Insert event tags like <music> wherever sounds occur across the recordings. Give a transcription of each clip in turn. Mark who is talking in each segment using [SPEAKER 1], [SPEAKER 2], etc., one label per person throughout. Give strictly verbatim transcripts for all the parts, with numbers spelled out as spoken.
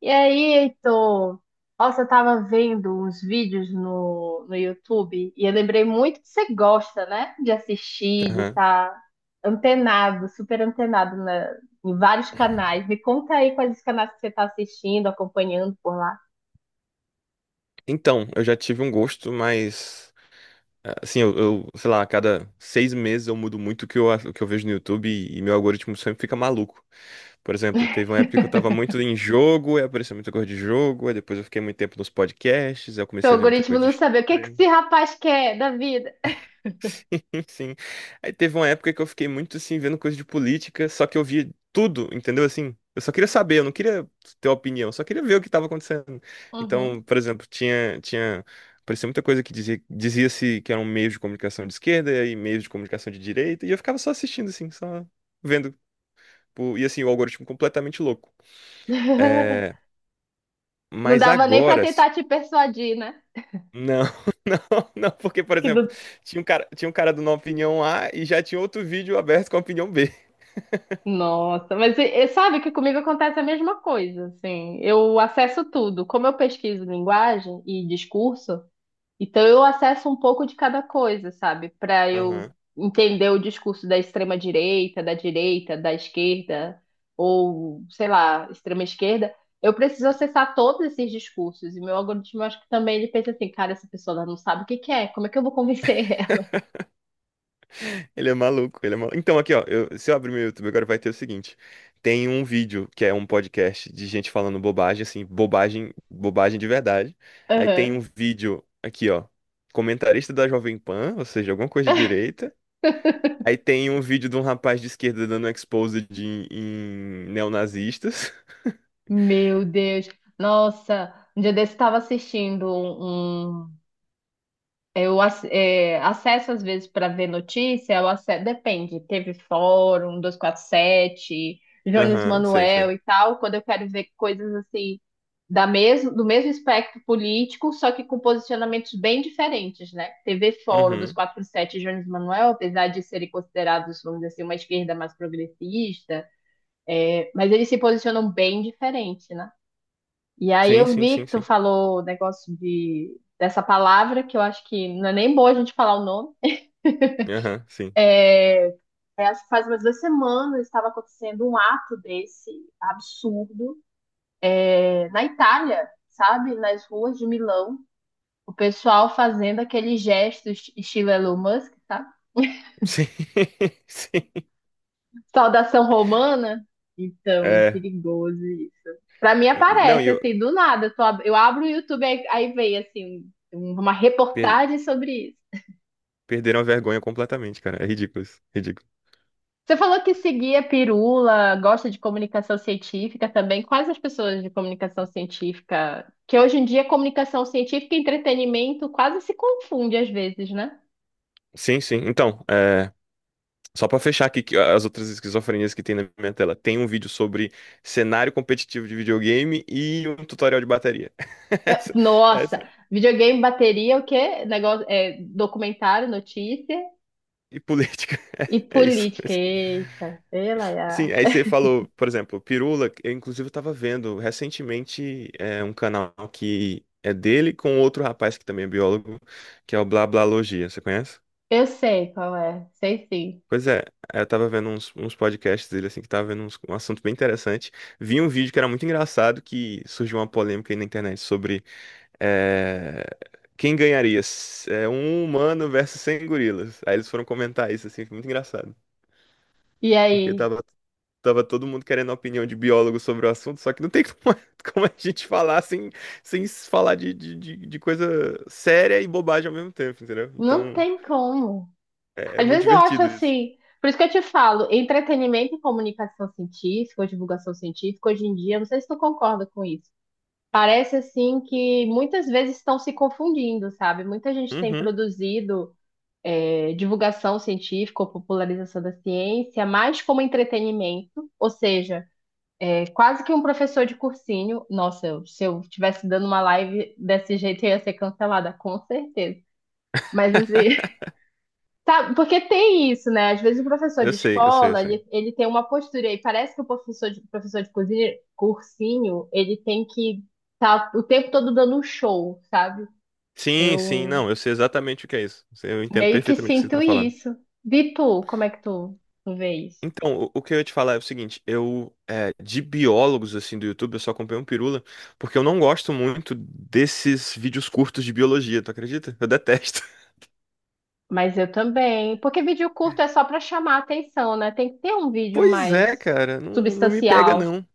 [SPEAKER 1] E aí, Heitor? Nossa, eu tava vendo uns vídeos no, no YouTube e eu lembrei muito que você gosta, né? De assistir, de
[SPEAKER 2] Aham.
[SPEAKER 1] estar antenado, super antenado na- em vários canais. Me conta aí quais os canais que você tá assistindo, acompanhando por lá.
[SPEAKER 2] Então, eu já tive um gosto, mas assim, eu, eu, sei lá, a cada seis meses eu mudo muito o que eu, o que eu vejo no YouTube e, e meu algoritmo sempre fica maluco. Por exemplo, teve uma época que eu tava
[SPEAKER 1] <laughs>
[SPEAKER 2] muito em jogo, aí apareceu muita coisa de jogo, aí depois eu fiquei muito tempo nos podcasts, aí eu
[SPEAKER 1] Seu
[SPEAKER 2] comecei a ver muita
[SPEAKER 1] algoritmo
[SPEAKER 2] coisa de
[SPEAKER 1] não sabe o que que
[SPEAKER 2] história.
[SPEAKER 1] esse rapaz quer da vida.
[SPEAKER 2] <laughs> Sim. Aí teve uma época que eu fiquei muito assim, vendo coisa de política, só que eu via tudo, entendeu? Assim, eu só queria saber, eu não queria ter opinião, eu só queria ver o que estava acontecendo. Então,
[SPEAKER 1] Uhum.
[SPEAKER 2] por exemplo, tinha, tinha, aparecia muita coisa que dizia, dizia-se que era um meio de comunicação de esquerda e aí meio de comunicação de direita, e eu ficava só assistindo, assim, só vendo. tipo, E assim, o algoritmo completamente louco.
[SPEAKER 1] <laughs>
[SPEAKER 2] É,
[SPEAKER 1] Não
[SPEAKER 2] mas
[SPEAKER 1] dava nem pra
[SPEAKER 2] agora.
[SPEAKER 1] tentar te persuadir, né?
[SPEAKER 2] Não, <laughs> não, não, porque, por
[SPEAKER 1] Que não.
[SPEAKER 2] exemplo, tinha um cara, tinha um cara dando uma opinião A e já tinha outro vídeo aberto com a opinião B.
[SPEAKER 1] Nossa, mas e- e sabe que comigo acontece a mesma coisa, assim. Eu acesso tudo. Como eu pesquiso linguagem e discurso, então eu acesso um pouco de cada coisa, sabe? Para eu entender o discurso da extrema direita, da direita, da esquerda, ou, sei lá, extrema esquerda, eu preciso acessar todos esses discursos. E meu algoritmo, eu acho que também ele pensa assim, cara, essa pessoa ela não sabe o que que é, como é que eu vou convencer ela?
[SPEAKER 2] Ele é maluco, ele é maluco. Então, aqui, ó, eu- se eu abrir meu YouTube agora, vai ter o seguinte: tem um vídeo que é um podcast de gente falando bobagem, assim, bobagem, bobagem de verdade. Aí tem um
[SPEAKER 1] <laughs>
[SPEAKER 2] vídeo aqui, ó, comentarista da Jovem Pan, ou seja, alguma coisa de
[SPEAKER 1] Aham.
[SPEAKER 2] direita. Aí tem um vídeo de um rapaz de esquerda dando um expose de, em neonazistas. <laughs>
[SPEAKER 1] Meu Deus. Nossa, um dia desse eu estava assistindo um. um, Eu ac- é, acesso às vezes para ver notícia, eu ace- depende, teve Fórum dois quatro sete, Jones
[SPEAKER 2] Aham, sei, sei.
[SPEAKER 1] Manuel e tal, quando eu quero ver coisas assim da mesmo, do mesmo espectro político, só que com posicionamentos bem diferentes, né? T V Fórum
[SPEAKER 2] Uhum.
[SPEAKER 1] duzentos e quarenta e sete e Jones Manuel, apesar de serem considerados, vamos dizer assim, uma esquerda mais progressista, mas eles se posicionam bem diferente, né? E aí
[SPEAKER 2] Sim,
[SPEAKER 1] eu
[SPEAKER 2] sim,
[SPEAKER 1] vi
[SPEAKER 2] sim,
[SPEAKER 1] que tu
[SPEAKER 2] sim.
[SPEAKER 1] falou o negócio de, dessa palavra, que eu acho que não é nem boa a gente falar o nome.
[SPEAKER 2] Aham, sim.
[SPEAKER 1] É, acho que faz umas duas semanas estava acontecendo um ato desse absurdo, é, na Itália, sabe? Nas ruas de Milão. O pessoal fazendo aqueles gestos estilo Elon Musk, sabe?
[SPEAKER 2] <laughs> Sim, sim.
[SPEAKER 1] Saudação romana. Então,
[SPEAKER 2] É.
[SPEAKER 1] perigoso isso. Pra mim
[SPEAKER 2] Não, e
[SPEAKER 1] aparece,
[SPEAKER 2] eu.
[SPEAKER 1] assim, do nada. Eu, tô ab- eu abro o YouTube, aí, aí vem, assim, um- uma reportagem sobre isso.
[SPEAKER 2] Perderam a vergonha completamente, cara. É ridículo isso. Ridículo.
[SPEAKER 1] Você falou que seguia pirula, gosta de comunicação científica também. Quais as pessoas de comunicação científica? Que hoje em dia comunicação científica e entretenimento quase se confunde às vezes, né?
[SPEAKER 2] Sim, sim. Então, é, só pra fechar aqui que as outras esquizofrenias que tem na minha tela, tem um vídeo sobre cenário competitivo de videogame e um tutorial de bateria. <laughs>
[SPEAKER 1] É,
[SPEAKER 2] Essa-
[SPEAKER 1] nossa,
[SPEAKER 2] essa-
[SPEAKER 1] videogame, bateria, o quê? Negócio, é, documentário, notícia
[SPEAKER 2] E política.
[SPEAKER 1] e
[SPEAKER 2] É isso.
[SPEAKER 1] política. Eita, sei lá.
[SPEAKER 2] Sim, aí você falou, por exemplo, Pirula. Eu, inclusive, eu tava vendo recentemente é, um canal que é dele com outro rapaz que também é biólogo, que é o Blá Blá Logia. Você conhece?
[SPEAKER 1] Eu sei qual é, sei sim.
[SPEAKER 2] Pois é, eu tava vendo uns, uns podcasts dele, assim, que tava vendo uns- um assunto bem interessante. Vi um vídeo que era muito engraçado, que surgiu uma polêmica aí na internet sobre eh, quem ganharia, s- eh, um humano versus cem gorilas. Aí eles foram comentar isso, assim, foi muito engraçado.
[SPEAKER 1] E
[SPEAKER 2] Porque
[SPEAKER 1] aí?
[SPEAKER 2] tava, tava todo mundo querendo a opinião de biólogo sobre o assunto, só que não tem como, <laughs> como a gente falar sem, sem falar de, de, de de coisa séria e bobagem ao mesmo tempo, entendeu?
[SPEAKER 1] Não
[SPEAKER 2] Então,
[SPEAKER 1] tem como.
[SPEAKER 2] é, é
[SPEAKER 1] Às
[SPEAKER 2] muito
[SPEAKER 1] vezes eu acho
[SPEAKER 2] divertido isso.
[SPEAKER 1] assim, por isso que eu te falo, entretenimento e comunicação científica, ou divulgação científica, hoje em dia, eu não sei se tu concorda com isso. Parece assim que muitas vezes estão se confundindo, sabe? Muita gente tem
[SPEAKER 2] Uhum.
[SPEAKER 1] produzido eh, divulgação científica ou popularização da ciência mais como entretenimento, ou seja, é quase que um professor de cursinho. Nossa, eu- se eu estivesse dando uma live desse jeito, eu ia ser cancelada, com certeza. Mas assim,
[SPEAKER 2] <laughs>
[SPEAKER 1] tá, porque tem isso, né? Às vezes o professor
[SPEAKER 2] Eu
[SPEAKER 1] de
[SPEAKER 2] sei, eu sei, eu
[SPEAKER 1] escola,
[SPEAKER 2] sei.
[SPEAKER 1] ele, ele tem uma postura e parece que o professor de, professor de cozinha, cursinho, ele tem que estar tá o tempo todo dando um show, sabe?
[SPEAKER 2] Sim, sim,
[SPEAKER 1] Eu
[SPEAKER 2] não, eu sei exatamente o que é isso. Eu entendo
[SPEAKER 1] meio que
[SPEAKER 2] perfeitamente o que você
[SPEAKER 1] sinto
[SPEAKER 2] está falando.
[SPEAKER 1] isso. E tu, como é que tu, tu vê isso?
[SPEAKER 2] Então, o, o que eu ia te falar é o seguinte, eu, é, de biólogos, assim, do YouTube, eu só comprei um Pirula, porque eu não gosto muito desses vídeos curtos de biologia, tu acredita? Eu detesto. <laughs>
[SPEAKER 1] Mas eu também. Porque vídeo curto é só pra chamar a atenção, né? Tem que ter um vídeo
[SPEAKER 2] Pois é,
[SPEAKER 1] mais
[SPEAKER 2] cara, não, não me pega,
[SPEAKER 1] substancial.
[SPEAKER 2] não.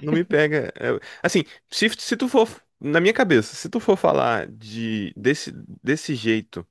[SPEAKER 2] Não me pega. É, assim, se, se tu for, na minha cabeça, se tu for falar de, desse, desse jeito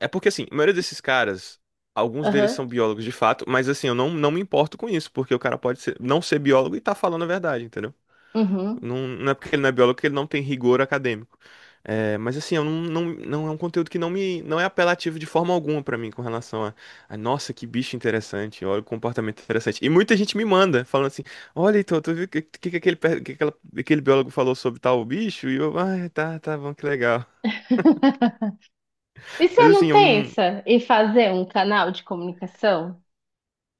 [SPEAKER 2] É porque, assim, a maioria desses caras, alguns deles
[SPEAKER 1] Aham.
[SPEAKER 2] são biólogos de fato, mas, assim, eu não, não me importo com isso, porque o cara pode ser- não ser biólogo e tá falando a verdade, entendeu?
[SPEAKER 1] Uhum.
[SPEAKER 2] Não, não é porque ele não é biólogo que ele não tem rigor acadêmico. É, mas, assim, eu não, não, não é um conteúdo que não me, não é apelativo de forma alguma pra mim com relação a, a, nossa, que bicho interessante, olha o comportamento interessante. E muita gente me manda, falando assim, olha, então, tu viu o que, que, que, aquele, per- que aquela- aquele biólogo falou sobre tal bicho? E eu, ah, tá, tá bom, que legal.
[SPEAKER 1] <laughs> E
[SPEAKER 2] Mas
[SPEAKER 1] você
[SPEAKER 2] assim,
[SPEAKER 1] não
[SPEAKER 2] eu não,
[SPEAKER 1] pensa em fazer um canal de comunicação?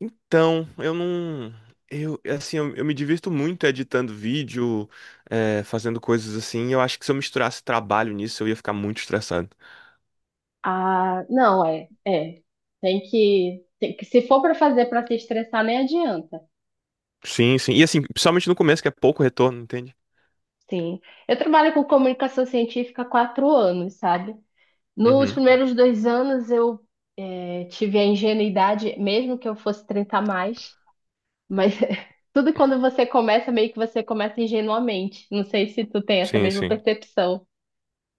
[SPEAKER 2] Então, eu não. Eu, assim, eu, eu me divirto muito editando vídeo, é, fazendo coisas assim. Eu acho que se eu misturasse trabalho nisso, eu ia ficar muito estressado.
[SPEAKER 1] Ah, não, é, é. Tem que, tem que- se for para fazer para se estressar, nem adianta.
[SPEAKER 2] Sim, sim. E assim, principalmente no começo, que é pouco retorno, entende?
[SPEAKER 1] Sim. Eu trabalho com comunicação científica há quatro anos, sabe? Nos
[SPEAKER 2] Uhum.
[SPEAKER 1] primeiros dois anos eu eh, tive a ingenuidade, mesmo que eu fosse trinta a mais, mas <laughs> tudo quando você começa, meio que você começa ingenuamente. Não sei se tu tem essa
[SPEAKER 2] Sim,
[SPEAKER 1] mesma
[SPEAKER 2] sim.
[SPEAKER 1] percepção.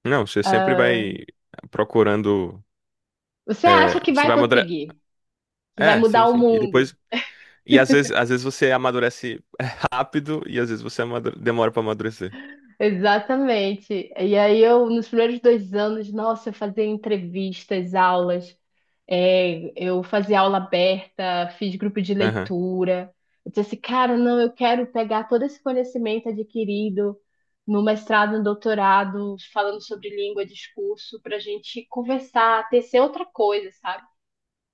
[SPEAKER 2] Não, você sempre vai procurando.
[SPEAKER 1] Você acha
[SPEAKER 2] é,
[SPEAKER 1] que
[SPEAKER 2] Você
[SPEAKER 1] vai
[SPEAKER 2] vai amadurecer.
[SPEAKER 1] conseguir, que vai
[SPEAKER 2] É, sim,
[SPEAKER 1] mudar o
[SPEAKER 2] sim. E
[SPEAKER 1] mundo.
[SPEAKER 2] depois. E às vezes, às vezes você amadurece <laughs> é, rápido e às vezes você amadure- demora pra amadurecer.
[SPEAKER 1] Exatamente. E aí eu, nos primeiros dois anos, nossa, eu fazia entrevistas, aulas, é, eu fazia aula aberta, fiz grupo de
[SPEAKER 2] Aham,
[SPEAKER 1] leitura. Eu disse assim, cara, não, eu quero pegar todo esse conhecimento adquirido no mestrado, no doutorado, falando sobre língua, discurso, para a gente conversar, tecer outra coisa, sabe?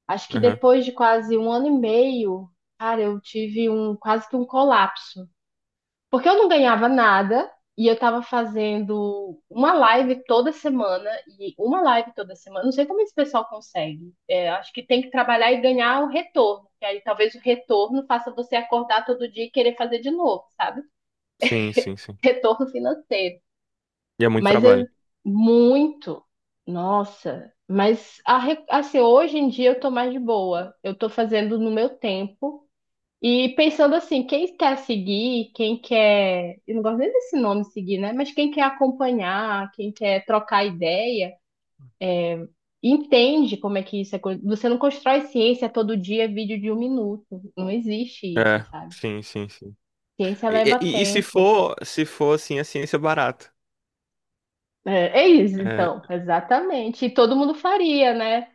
[SPEAKER 1] Acho que
[SPEAKER 2] aham.
[SPEAKER 1] depois de quase um ano e meio, cara, eu tive um quase que um colapso. Porque eu não ganhava nada e eu tava fazendo uma live toda semana e uma live toda semana. Não sei como esse pessoal consegue. É, acho que tem que trabalhar e ganhar o retorno. Que aí talvez o retorno faça você acordar todo dia e querer fazer de novo, sabe?
[SPEAKER 2] Sim, sim, sim.
[SPEAKER 1] <laughs> Retorno financeiro.
[SPEAKER 2] E é muito
[SPEAKER 1] Mas eu
[SPEAKER 2] trabalho.
[SPEAKER 1] muito. Nossa, mas a re- assim, hoje em dia eu tô mais de boa. Eu tô fazendo no meu tempo. E pensando assim, quem quer seguir, quem quer, eu não gosto nem desse nome seguir, né? Mas quem quer acompanhar, quem quer trocar ideia, entende como é que isso é. co- Você não constrói ciência todo dia, vídeo de um minuto. Não existe isso,
[SPEAKER 2] É,
[SPEAKER 1] sabe?
[SPEAKER 2] sim, sim, sim.
[SPEAKER 1] Ciência
[SPEAKER 2] E,
[SPEAKER 1] leva
[SPEAKER 2] e- e se
[SPEAKER 1] tempo.
[SPEAKER 2] for, se for assim, a ciência barata.
[SPEAKER 1] É, é isso,
[SPEAKER 2] É,
[SPEAKER 1] então, exatamente. E todo mundo faria, né?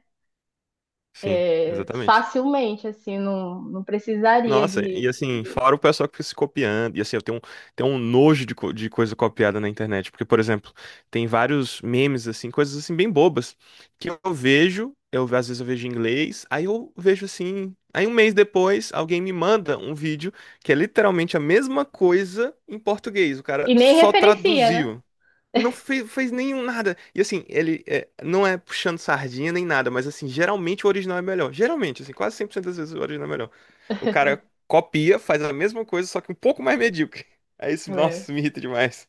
[SPEAKER 2] sim,
[SPEAKER 1] É,
[SPEAKER 2] exatamente.
[SPEAKER 1] facilmente, assim, não, não precisaria
[SPEAKER 2] Nossa,
[SPEAKER 1] de.
[SPEAKER 2] e assim, fora o pessoal que fica se copiando, e assim, eu tenho um, tenho um nojo de, co- de coisa copiada na internet, porque, por exemplo, tem vários memes, assim, coisas assim bem bobas, que eu vejo, eu às vezes eu vejo em inglês, aí eu vejo assim, aí um mês depois alguém me manda um vídeo que é literalmente a mesma coisa em português, o cara
[SPEAKER 1] E nem
[SPEAKER 2] só
[SPEAKER 1] referencia, né?
[SPEAKER 2] traduziu. Não fez, fez nenhum nada. E assim, ele é, não é puxando sardinha nem nada, mas assim, geralmente o original é melhor. Geralmente, assim, quase cem por cento das vezes o original é melhor. O cara copia, faz a mesma coisa, só que um pouco mais medíocre. <laughs> Aí isso, nossa,
[SPEAKER 1] É.
[SPEAKER 2] isso me irrita demais.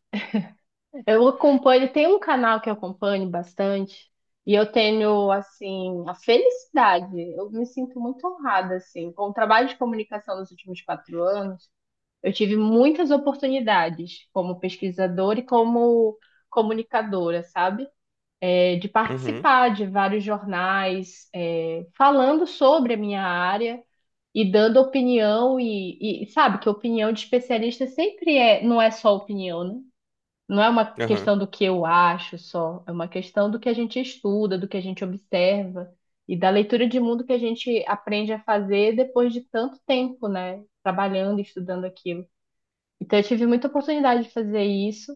[SPEAKER 1] Eu acompanho, tem um canal que eu acompanho bastante, e eu tenho, assim, a felicidade, eu me sinto muito honrada, assim, com o trabalho de comunicação nos últimos quatro anos, eu tive muitas oportunidades como pesquisadora e como comunicadora, sabe? É, de
[SPEAKER 2] Uhum,
[SPEAKER 1] participar de vários jornais, é, falando sobre a minha área e dando opinião, e, e sabe que opinião de especialista sempre é, não é só opinião, né? Não é uma
[SPEAKER 2] aham.
[SPEAKER 1] questão do que eu acho só, é uma questão do que a gente estuda, do que a gente observa e da leitura de mundo que a gente aprende a fazer depois de tanto tempo, né? Trabalhando, e estudando aquilo. Então, eu tive muita oportunidade de fazer isso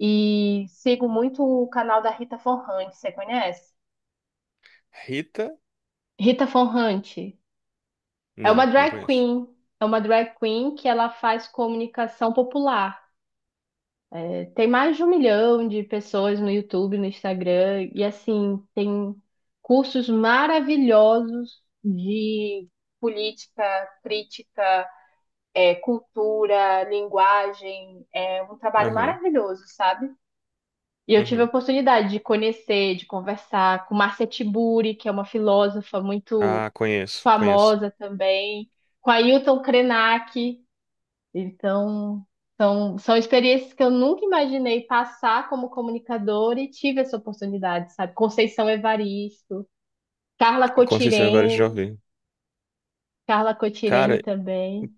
[SPEAKER 1] e sigo muito o canal da Rita Von Hunt, você conhece?
[SPEAKER 2] Rita?
[SPEAKER 1] Rita Von Hunt é uma
[SPEAKER 2] Não, não
[SPEAKER 1] drag
[SPEAKER 2] conheço.
[SPEAKER 1] queen, é uma drag queen que ela faz comunicação popular. Tem mais de um milhão de pessoas no YouTube, no Instagram, e assim, tem cursos maravilhosos de política, crítica, é, cultura, linguagem. É um trabalho
[SPEAKER 2] Aham,
[SPEAKER 1] maravilhoso, sabe? E eu tive a
[SPEAKER 2] uhum,
[SPEAKER 1] oportunidade de conhecer, de conversar com Marcia Tiburi, que é uma filósofa muito
[SPEAKER 2] Ah, conheço, conheço.
[SPEAKER 1] famosa também, com Ailton Krenak. Então, são, são experiências que eu nunca imaginei passar como comunicadora e tive essa oportunidade, sabe? Conceição Evaristo, Carla
[SPEAKER 2] Conceição Evaristo já
[SPEAKER 1] Cotirene,
[SPEAKER 2] ouvi.
[SPEAKER 1] Carla Cotirene
[SPEAKER 2] Cara,
[SPEAKER 1] também.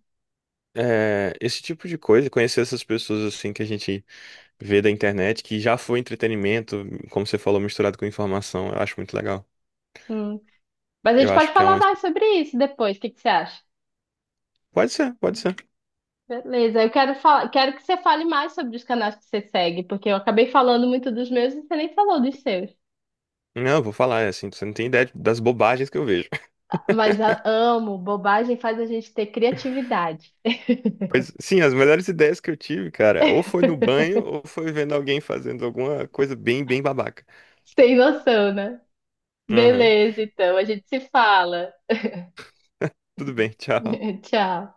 [SPEAKER 2] é, esse tipo de coisa, conhecer essas pessoas assim que a gente vê da internet, que já foi entretenimento, como você falou, misturado com informação, eu acho muito legal.
[SPEAKER 1] Hum. Mas a
[SPEAKER 2] Eu
[SPEAKER 1] gente
[SPEAKER 2] acho
[SPEAKER 1] pode
[SPEAKER 2] que é um.
[SPEAKER 1] falar mais sobre isso depois, o que que você acha?
[SPEAKER 2] Pode ser, pode ser.
[SPEAKER 1] Beleza, eu quero falar, quero que você fale mais sobre os canais que você segue, porque eu acabei falando muito dos meus e você nem falou dos seus.
[SPEAKER 2] Não, eu vou falar, é assim, você não tem ideia das bobagens que eu vejo.
[SPEAKER 1] Mas a- amo, bobagem faz a gente ter criatividade.
[SPEAKER 2] <laughs> Mas, sim, as melhores ideias que eu tive, cara, ou foi no banho, ou foi vendo alguém fazendo alguma coisa bem, bem babaca.
[SPEAKER 1] <laughs> Sem noção, né?
[SPEAKER 2] Aham.
[SPEAKER 1] Beleza, então, a gente se fala.
[SPEAKER 2] Tudo bem, <laughs> tchau.
[SPEAKER 1] <laughs> Tchau.